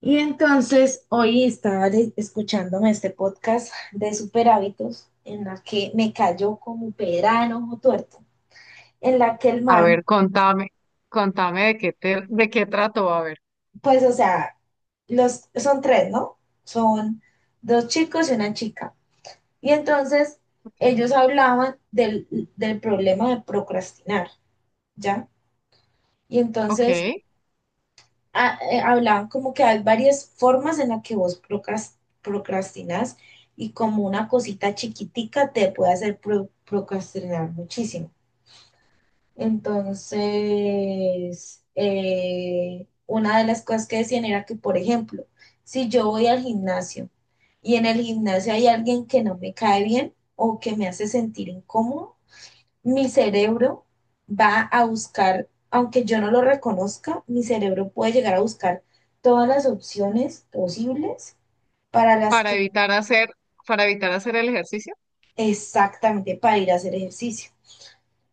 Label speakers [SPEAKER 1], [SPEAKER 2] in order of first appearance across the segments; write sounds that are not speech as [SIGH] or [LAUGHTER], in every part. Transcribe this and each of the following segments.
[SPEAKER 1] Y entonces hoy estaba escuchándome este podcast de super hábitos en la que me cayó como pera en ojo tuerto, en la que el
[SPEAKER 2] A
[SPEAKER 1] man,
[SPEAKER 2] ver, contame de qué trató, a ver.
[SPEAKER 1] pues o sea, los, son tres, ¿no? Son dos chicos y una chica. Y entonces
[SPEAKER 2] Okay.
[SPEAKER 1] ellos hablaban del problema de procrastinar, ¿ya? Y
[SPEAKER 2] Ok.
[SPEAKER 1] entonces hablaban como que hay varias formas en las que vos procrastinas y como una cosita chiquitica te puede hacer procrastinar muchísimo. Entonces, una de las cosas que decían era que, por ejemplo, si yo voy al gimnasio y en el gimnasio hay alguien que no me cae bien o que me hace sentir incómodo, mi cerebro va a buscar, aunque yo no lo reconozca, mi cerebro puede llegar a buscar todas las opciones posibles para las
[SPEAKER 2] Para
[SPEAKER 1] que
[SPEAKER 2] evitar hacer, para evitar hacer el ejercicio.
[SPEAKER 1] exactamente para ir a hacer ejercicio.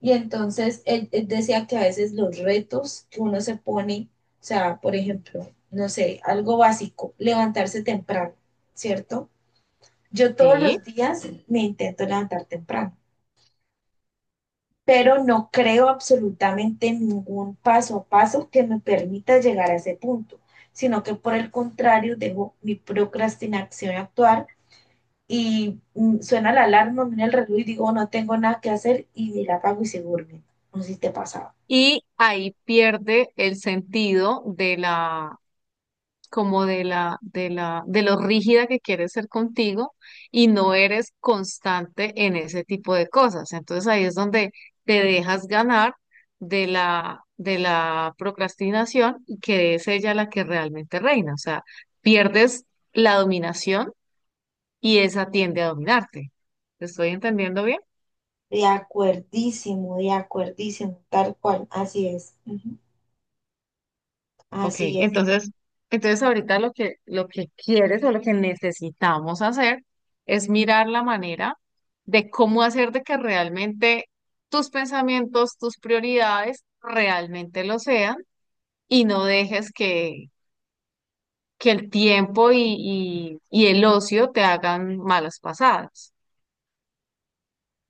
[SPEAKER 1] Y entonces él decía que a veces los retos que uno se pone, o sea, por ejemplo, no sé, algo básico, levantarse temprano, ¿cierto? Yo todos
[SPEAKER 2] Sí.
[SPEAKER 1] los días me intento levantar temprano pero no creo absolutamente en ningún paso a paso que me permita llegar a ese punto, sino que por el contrario dejo mi procrastinación actuar y suena la alarma, mira el reloj y digo no tengo nada que hacer y me la apago y se duerme. No sé si te pasaba.
[SPEAKER 2] Y ahí pierde el sentido de la, como de la, de la, de lo rígida que quieres ser contigo y no eres constante en ese tipo de cosas. Entonces ahí es donde te dejas ganar de la procrastinación y que es ella la que realmente reina. O sea, pierdes la dominación y esa tiende a dominarte. ¿Te estoy entendiendo bien?
[SPEAKER 1] De acuerdísimo, tal cual, así es, ujú,
[SPEAKER 2] Ok,
[SPEAKER 1] así es.
[SPEAKER 2] entonces ahorita lo que quieres o lo que necesitamos hacer es mirar la manera de cómo hacer de que realmente tus pensamientos, tus prioridades realmente lo sean y no dejes que el tiempo y el ocio te hagan malas pasadas.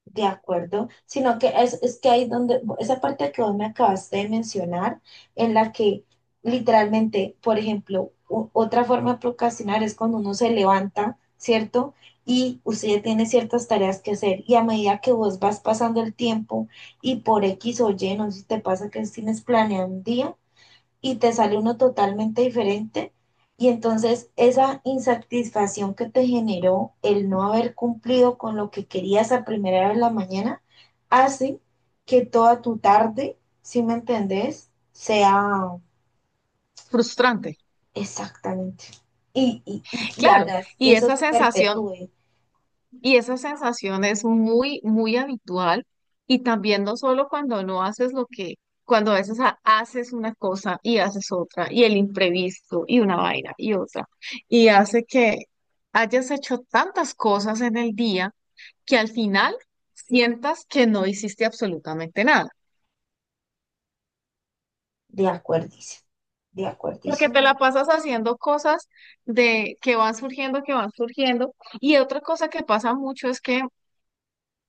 [SPEAKER 1] De acuerdo, sino que es que ahí donde, esa parte que vos me acabaste de mencionar, en la que literalmente, por ejemplo, otra forma de procrastinar es cuando uno se levanta, ¿cierto? Y usted ya tiene ciertas tareas que hacer y a medida que vos vas pasando el tiempo y por X o Y, no sé si te pasa que tienes planeado un día y te sale uno totalmente diferente. Y entonces esa insatisfacción que te generó el no haber cumplido con lo que querías a primera hora de la mañana hace que toda tu tarde, si me entendés, sea
[SPEAKER 2] Frustrante.
[SPEAKER 1] exactamente. Y
[SPEAKER 2] Claro,
[SPEAKER 1] hagas que
[SPEAKER 2] y
[SPEAKER 1] eso
[SPEAKER 2] esa
[SPEAKER 1] se
[SPEAKER 2] sensación
[SPEAKER 1] perpetúe.
[SPEAKER 2] Y esa sensación es muy, muy habitual. Y también no solo cuando no haces lo que, cuando a veces haces una cosa y haces otra, y el imprevisto, y una vaina, y otra. Y hace que hayas hecho tantas cosas en el día que al final sientas que no hiciste absolutamente nada.
[SPEAKER 1] De acuerdísimo, de
[SPEAKER 2] Porque
[SPEAKER 1] acuerdísimo,
[SPEAKER 2] te
[SPEAKER 1] de
[SPEAKER 2] la
[SPEAKER 1] acuerdísimo.
[SPEAKER 2] pasas haciendo cosas de que van surgiendo, que van surgiendo. Y otra cosa que pasa mucho es que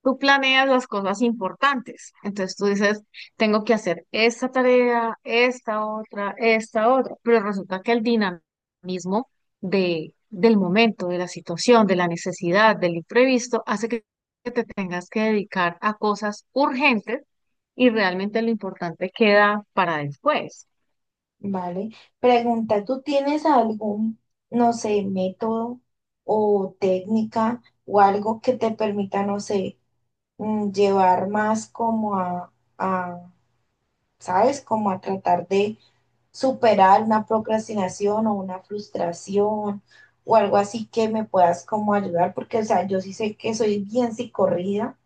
[SPEAKER 2] tú planeas las cosas importantes. Entonces tú dices, tengo que hacer esta tarea, esta otra, esta otra. Pero resulta que el dinamismo del momento, de la situación, de la necesidad, del imprevisto, hace que te tengas que dedicar a cosas urgentes y realmente lo importante queda para después.
[SPEAKER 1] Vale. Pregunta, ¿tú tienes algún, no sé, método o técnica o algo que te permita, no sé, llevar más como a, ¿sabes? Como a tratar de superar una procrastinación o una frustración o algo así que me puedas como ayudar, porque, o sea, yo sí sé que soy bien psicorrida,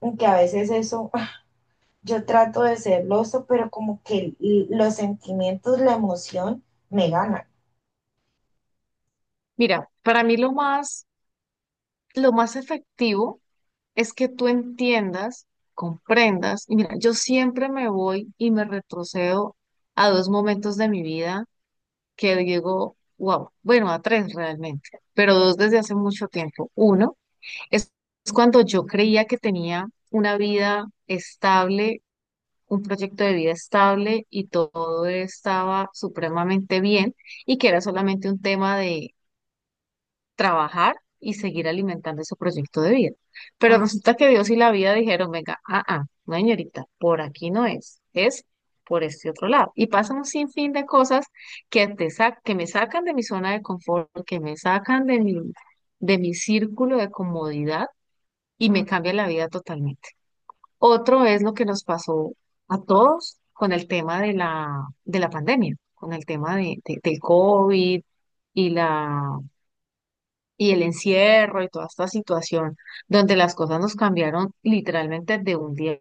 [SPEAKER 1] aunque a veces eso, [LAUGHS] yo trato de ser loso, pero como que los sentimientos, la emoción me ganan.
[SPEAKER 2] Mira, para mí lo más efectivo es que tú entiendas, comprendas. Y mira, yo siempre me voy y me retrocedo a dos momentos de mi vida que digo, wow, bueno, a tres realmente, pero dos desde hace mucho tiempo. Uno es es cuando yo creía que tenía una vida estable, un proyecto de vida estable y todo estaba supremamente bien y que era solamente un tema de trabajar y seguir alimentando ese proyecto de vida. Pero resulta que Dios y la vida dijeron, venga, no, señorita, por aquí no es, es por este otro lado. Y pasan un sinfín de cosas que, que me sacan de mi zona de confort, que me sacan de mi círculo de comodidad y me cambian la vida totalmente. Otro es lo que nos pasó a todos con el tema de la pandemia, con el tema del COVID y la y el encierro y toda esta situación donde las cosas nos cambiaron literalmente de un día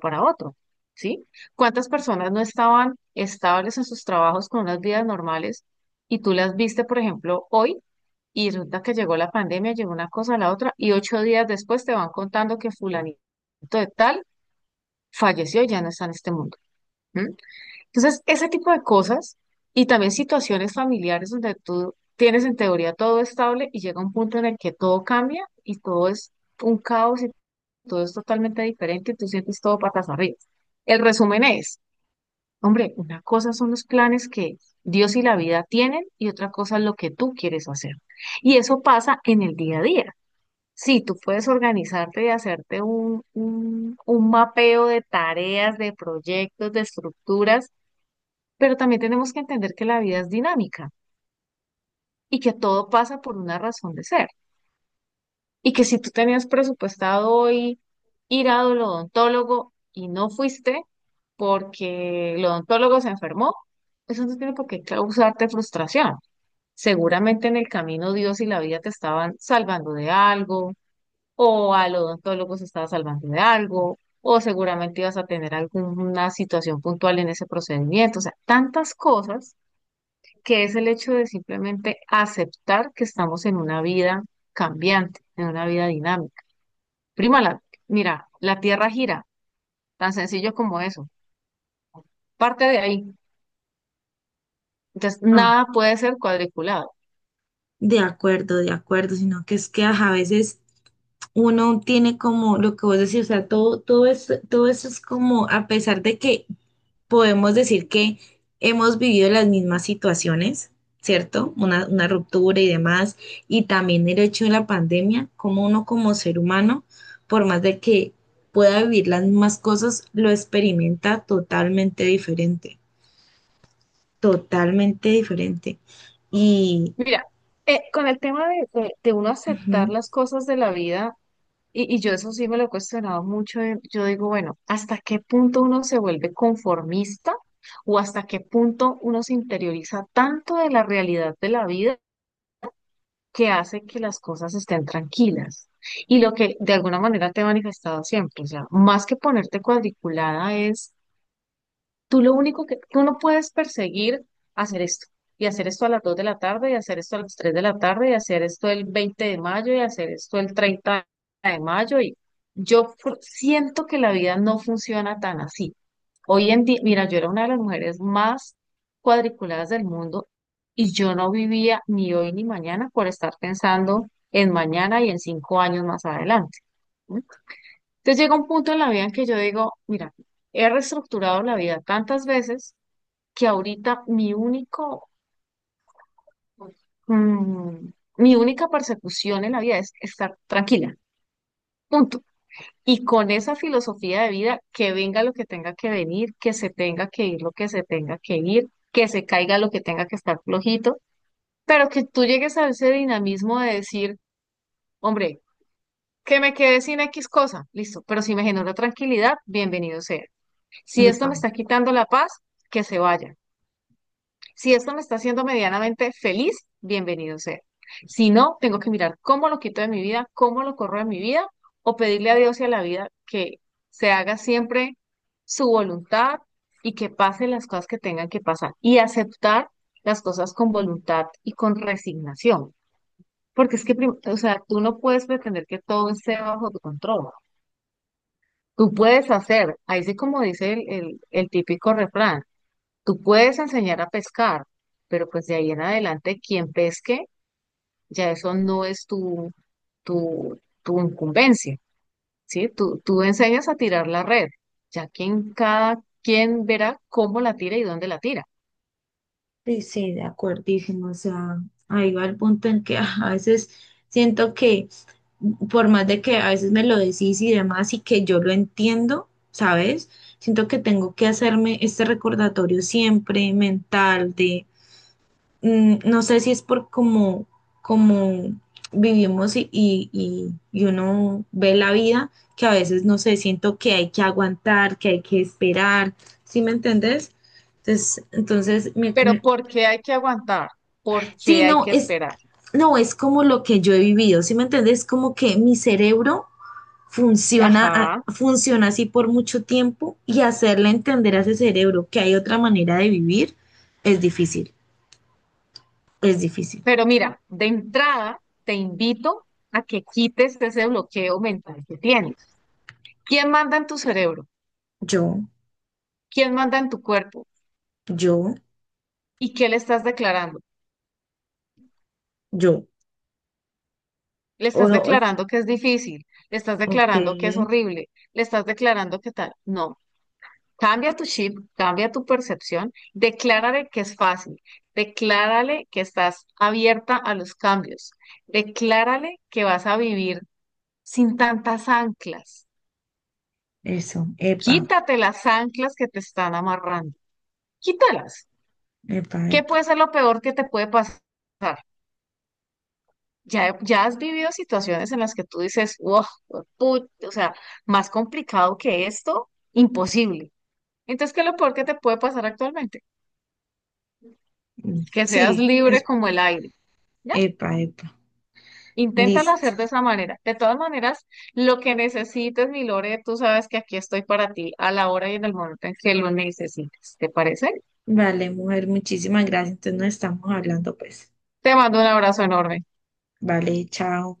[SPEAKER 2] para otro, ¿sí? ¿Cuántas personas no estaban estables en sus trabajos con unas vidas normales y tú las viste, por ejemplo, hoy y resulta que llegó la pandemia, llegó una cosa a la otra y 8 días después te van contando que fulanito de tal falleció y ya no está en este mundo? ¿M? Entonces, ese tipo de cosas y también situaciones familiares donde tú tienes en teoría todo estable y llega un punto en el que todo cambia y todo es un caos y todo es totalmente diferente y tú sientes todo patas arriba. El resumen es, hombre, una cosa son los planes que Dios y la vida tienen y otra cosa es lo que tú quieres hacer. Y eso pasa en el día a día. Sí, tú puedes organizarte y hacerte un un mapeo de tareas, de proyectos, de estructuras, pero también tenemos que entender que la vida es dinámica y que todo pasa por una razón de ser. Y que si tú tenías presupuestado hoy ir al odontólogo y no fuiste porque el odontólogo se enfermó, eso no tiene por qué causarte frustración. Seguramente en el camino Dios y la vida te estaban salvando de algo, o al odontólogo se estaba salvando de algo, o seguramente ibas a tener alguna situación puntual en ese procedimiento. O sea, tantas cosas que es el hecho de simplemente aceptar que estamos en una vida cambiante, en una vida dinámica. Prima, mira, la Tierra gira, tan sencillo como eso. Parte de ahí. Entonces,
[SPEAKER 1] Ah,
[SPEAKER 2] nada puede ser cuadriculado.
[SPEAKER 1] de acuerdo, sino que es que ajá, a veces uno tiene como lo que vos decís, o sea, todo eso todo eso es como, a pesar de que podemos decir que hemos vivido las mismas situaciones, ¿cierto? Una ruptura y demás, y también el hecho de la pandemia, como uno como ser humano, por más de que pueda vivir las mismas cosas, lo experimenta totalmente diferente, totalmente diferente. Y,
[SPEAKER 2] Mira, con el tema de uno aceptar
[SPEAKER 1] ujú,
[SPEAKER 2] las cosas de la vida, y yo eso sí me lo he cuestionado mucho, yo digo, bueno, ¿hasta qué punto uno se vuelve conformista? ¿O hasta qué punto uno se interioriza tanto de la realidad de la vida, que hace que las cosas estén tranquilas? Y lo que de alguna manera te he manifestado siempre, o sea, más que ponerte cuadriculada es: tú lo único que, tú no puedes perseguir hacer esto, y hacer esto a las 2 de la tarde, y hacer esto a las 3 de la tarde, y hacer esto el 20 de mayo, y hacer esto el 30 de mayo. Y yo siento que la vida no funciona tan así. Hoy en día, mira, yo era una de las mujeres más cuadriculadas del mundo y yo no vivía ni hoy ni mañana por estar pensando en mañana y en 5 años más adelante. ¿No? Entonces llega un punto en la vida en que yo digo, mira, he reestructurado la vida tantas veces que ahorita mm, mi única persecución en la vida es estar tranquila, punto. Y con esa filosofía de vida, que venga lo que tenga que venir, que se tenga que ir lo que se tenga que ir, que se caiga lo que tenga que estar flojito, pero que tú llegues a ese dinamismo de decir, hombre, que me quede sin X cosa, listo, pero si me genera tranquilidad, bienvenido sea. Si esto
[SPEAKER 1] epa.
[SPEAKER 2] me está quitando la paz, que se vaya. Si esto me está haciendo medianamente feliz, bienvenido sea. Si no, tengo que mirar cómo lo quito de mi vida, cómo lo corro de mi vida, o pedirle a Dios y a la vida que se haga siempre su voluntad y que pasen las cosas que tengan que pasar y aceptar las cosas con voluntad y con resignación. Porque es que, o sea, tú no puedes pretender que todo esté bajo tu control. Tú puedes hacer, ahí sí como dice el el típico refrán, tú puedes enseñar a pescar, pero pues de ahí en adelante quien pesque, ya eso no es tu, tu incumbencia, ¿sí? Tú enseñas a tirar la red, ya quien cada quien verá cómo la tira y dónde la tira.
[SPEAKER 1] Sí, sí, de acuerdísimo. O sea, ahí va el punto en que [LAUGHS] ah, a veces siento que, por más de que a veces me lo decís y demás, y que yo lo entiendo, ¿sabes? Siento que tengo que hacerme este recordatorio siempre mental de, no sé si es por cómo vivimos y uno ve la vida, que a veces, no sé, siento que hay que aguantar, que hay que esperar, ¿sí me entendés? Entonces, entonces
[SPEAKER 2] Pero ¿por qué hay que aguantar? ¿Por
[SPEAKER 1] sí,
[SPEAKER 2] qué hay que
[SPEAKER 1] es,
[SPEAKER 2] esperar?
[SPEAKER 1] no, es como lo que yo he vivido, ¿sí me entiendes? Como que mi cerebro funciona,
[SPEAKER 2] Ajá.
[SPEAKER 1] funciona así por mucho tiempo y hacerle entender a ese cerebro que hay otra manera de vivir es difícil, es difícil.
[SPEAKER 2] Pero mira, de entrada te invito a que quites ese bloqueo mental que tienes. ¿Quién manda en tu cerebro?
[SPEAKER 1] Yo,
[SPEAKER 2] ¿Quién manda en tu cuerpo?
[SPEAKER 1] yo,
[SPEAKER 2] ¿Y qué le estás declarando?
[SPEAKER 1] yo.
[SPEAKER 2] Le
[SPEAKER 1] O
[SPEAKER 2] estás
[SPEAKER 1] no,
[SPEAKER 2] declarando que es difícil, le estás
[SPEAKER 1] ok,
[SPEAKER 2] declarando que es horrible, le estás declarando que tal. No, cambia tu chip, cambia tu percepción, declárale que es fácil, declárale que estás abierta a los cambios, declárale que vas a vivir sin tantas anclas.
[SPEAKER 1] eso, epa,
[SPEAKER 2] Quítate las anclas que te están amarrando, quítalas.
[SPEAKER 1] epa,
[SPEAKER 2] ¿Qué
[SPEAKER 1] epa.
[SPEAKER 2] puede ser lo peor que te puede pasar? Ya, ya has vivido situaciones en las que tú dices, wow, o sea, más complicado que esto, imposible. Entonces, ¿qué es lo peor que te puede pasar actualmente? Que seas
[SPEAKER 1] Sí,
[SPEAKER 2] libre
[SPEAKER 1] es
[SPEAKER 2] como el aire, ¿ya?
[SPEAKER 1] epa, epa.
[SPEAKER 2] Inténtalo
[SPEAKER 1] Listo.
[SPEAKER 2] hacer de esa manera. De todas maneras, lo que necesites, mi Lore, tú sabes que aquí estoy para ti a la hora y en el momento en que lo necesites. ¿Te parece?
[SPEAKER 1] Vale, mujer, muchísimas gracias. Entonces nos estamos hablando, pues.
[SPEAKER 2] Te mando un abrazo enorme.
[SPEAKER 1] Vale, chao.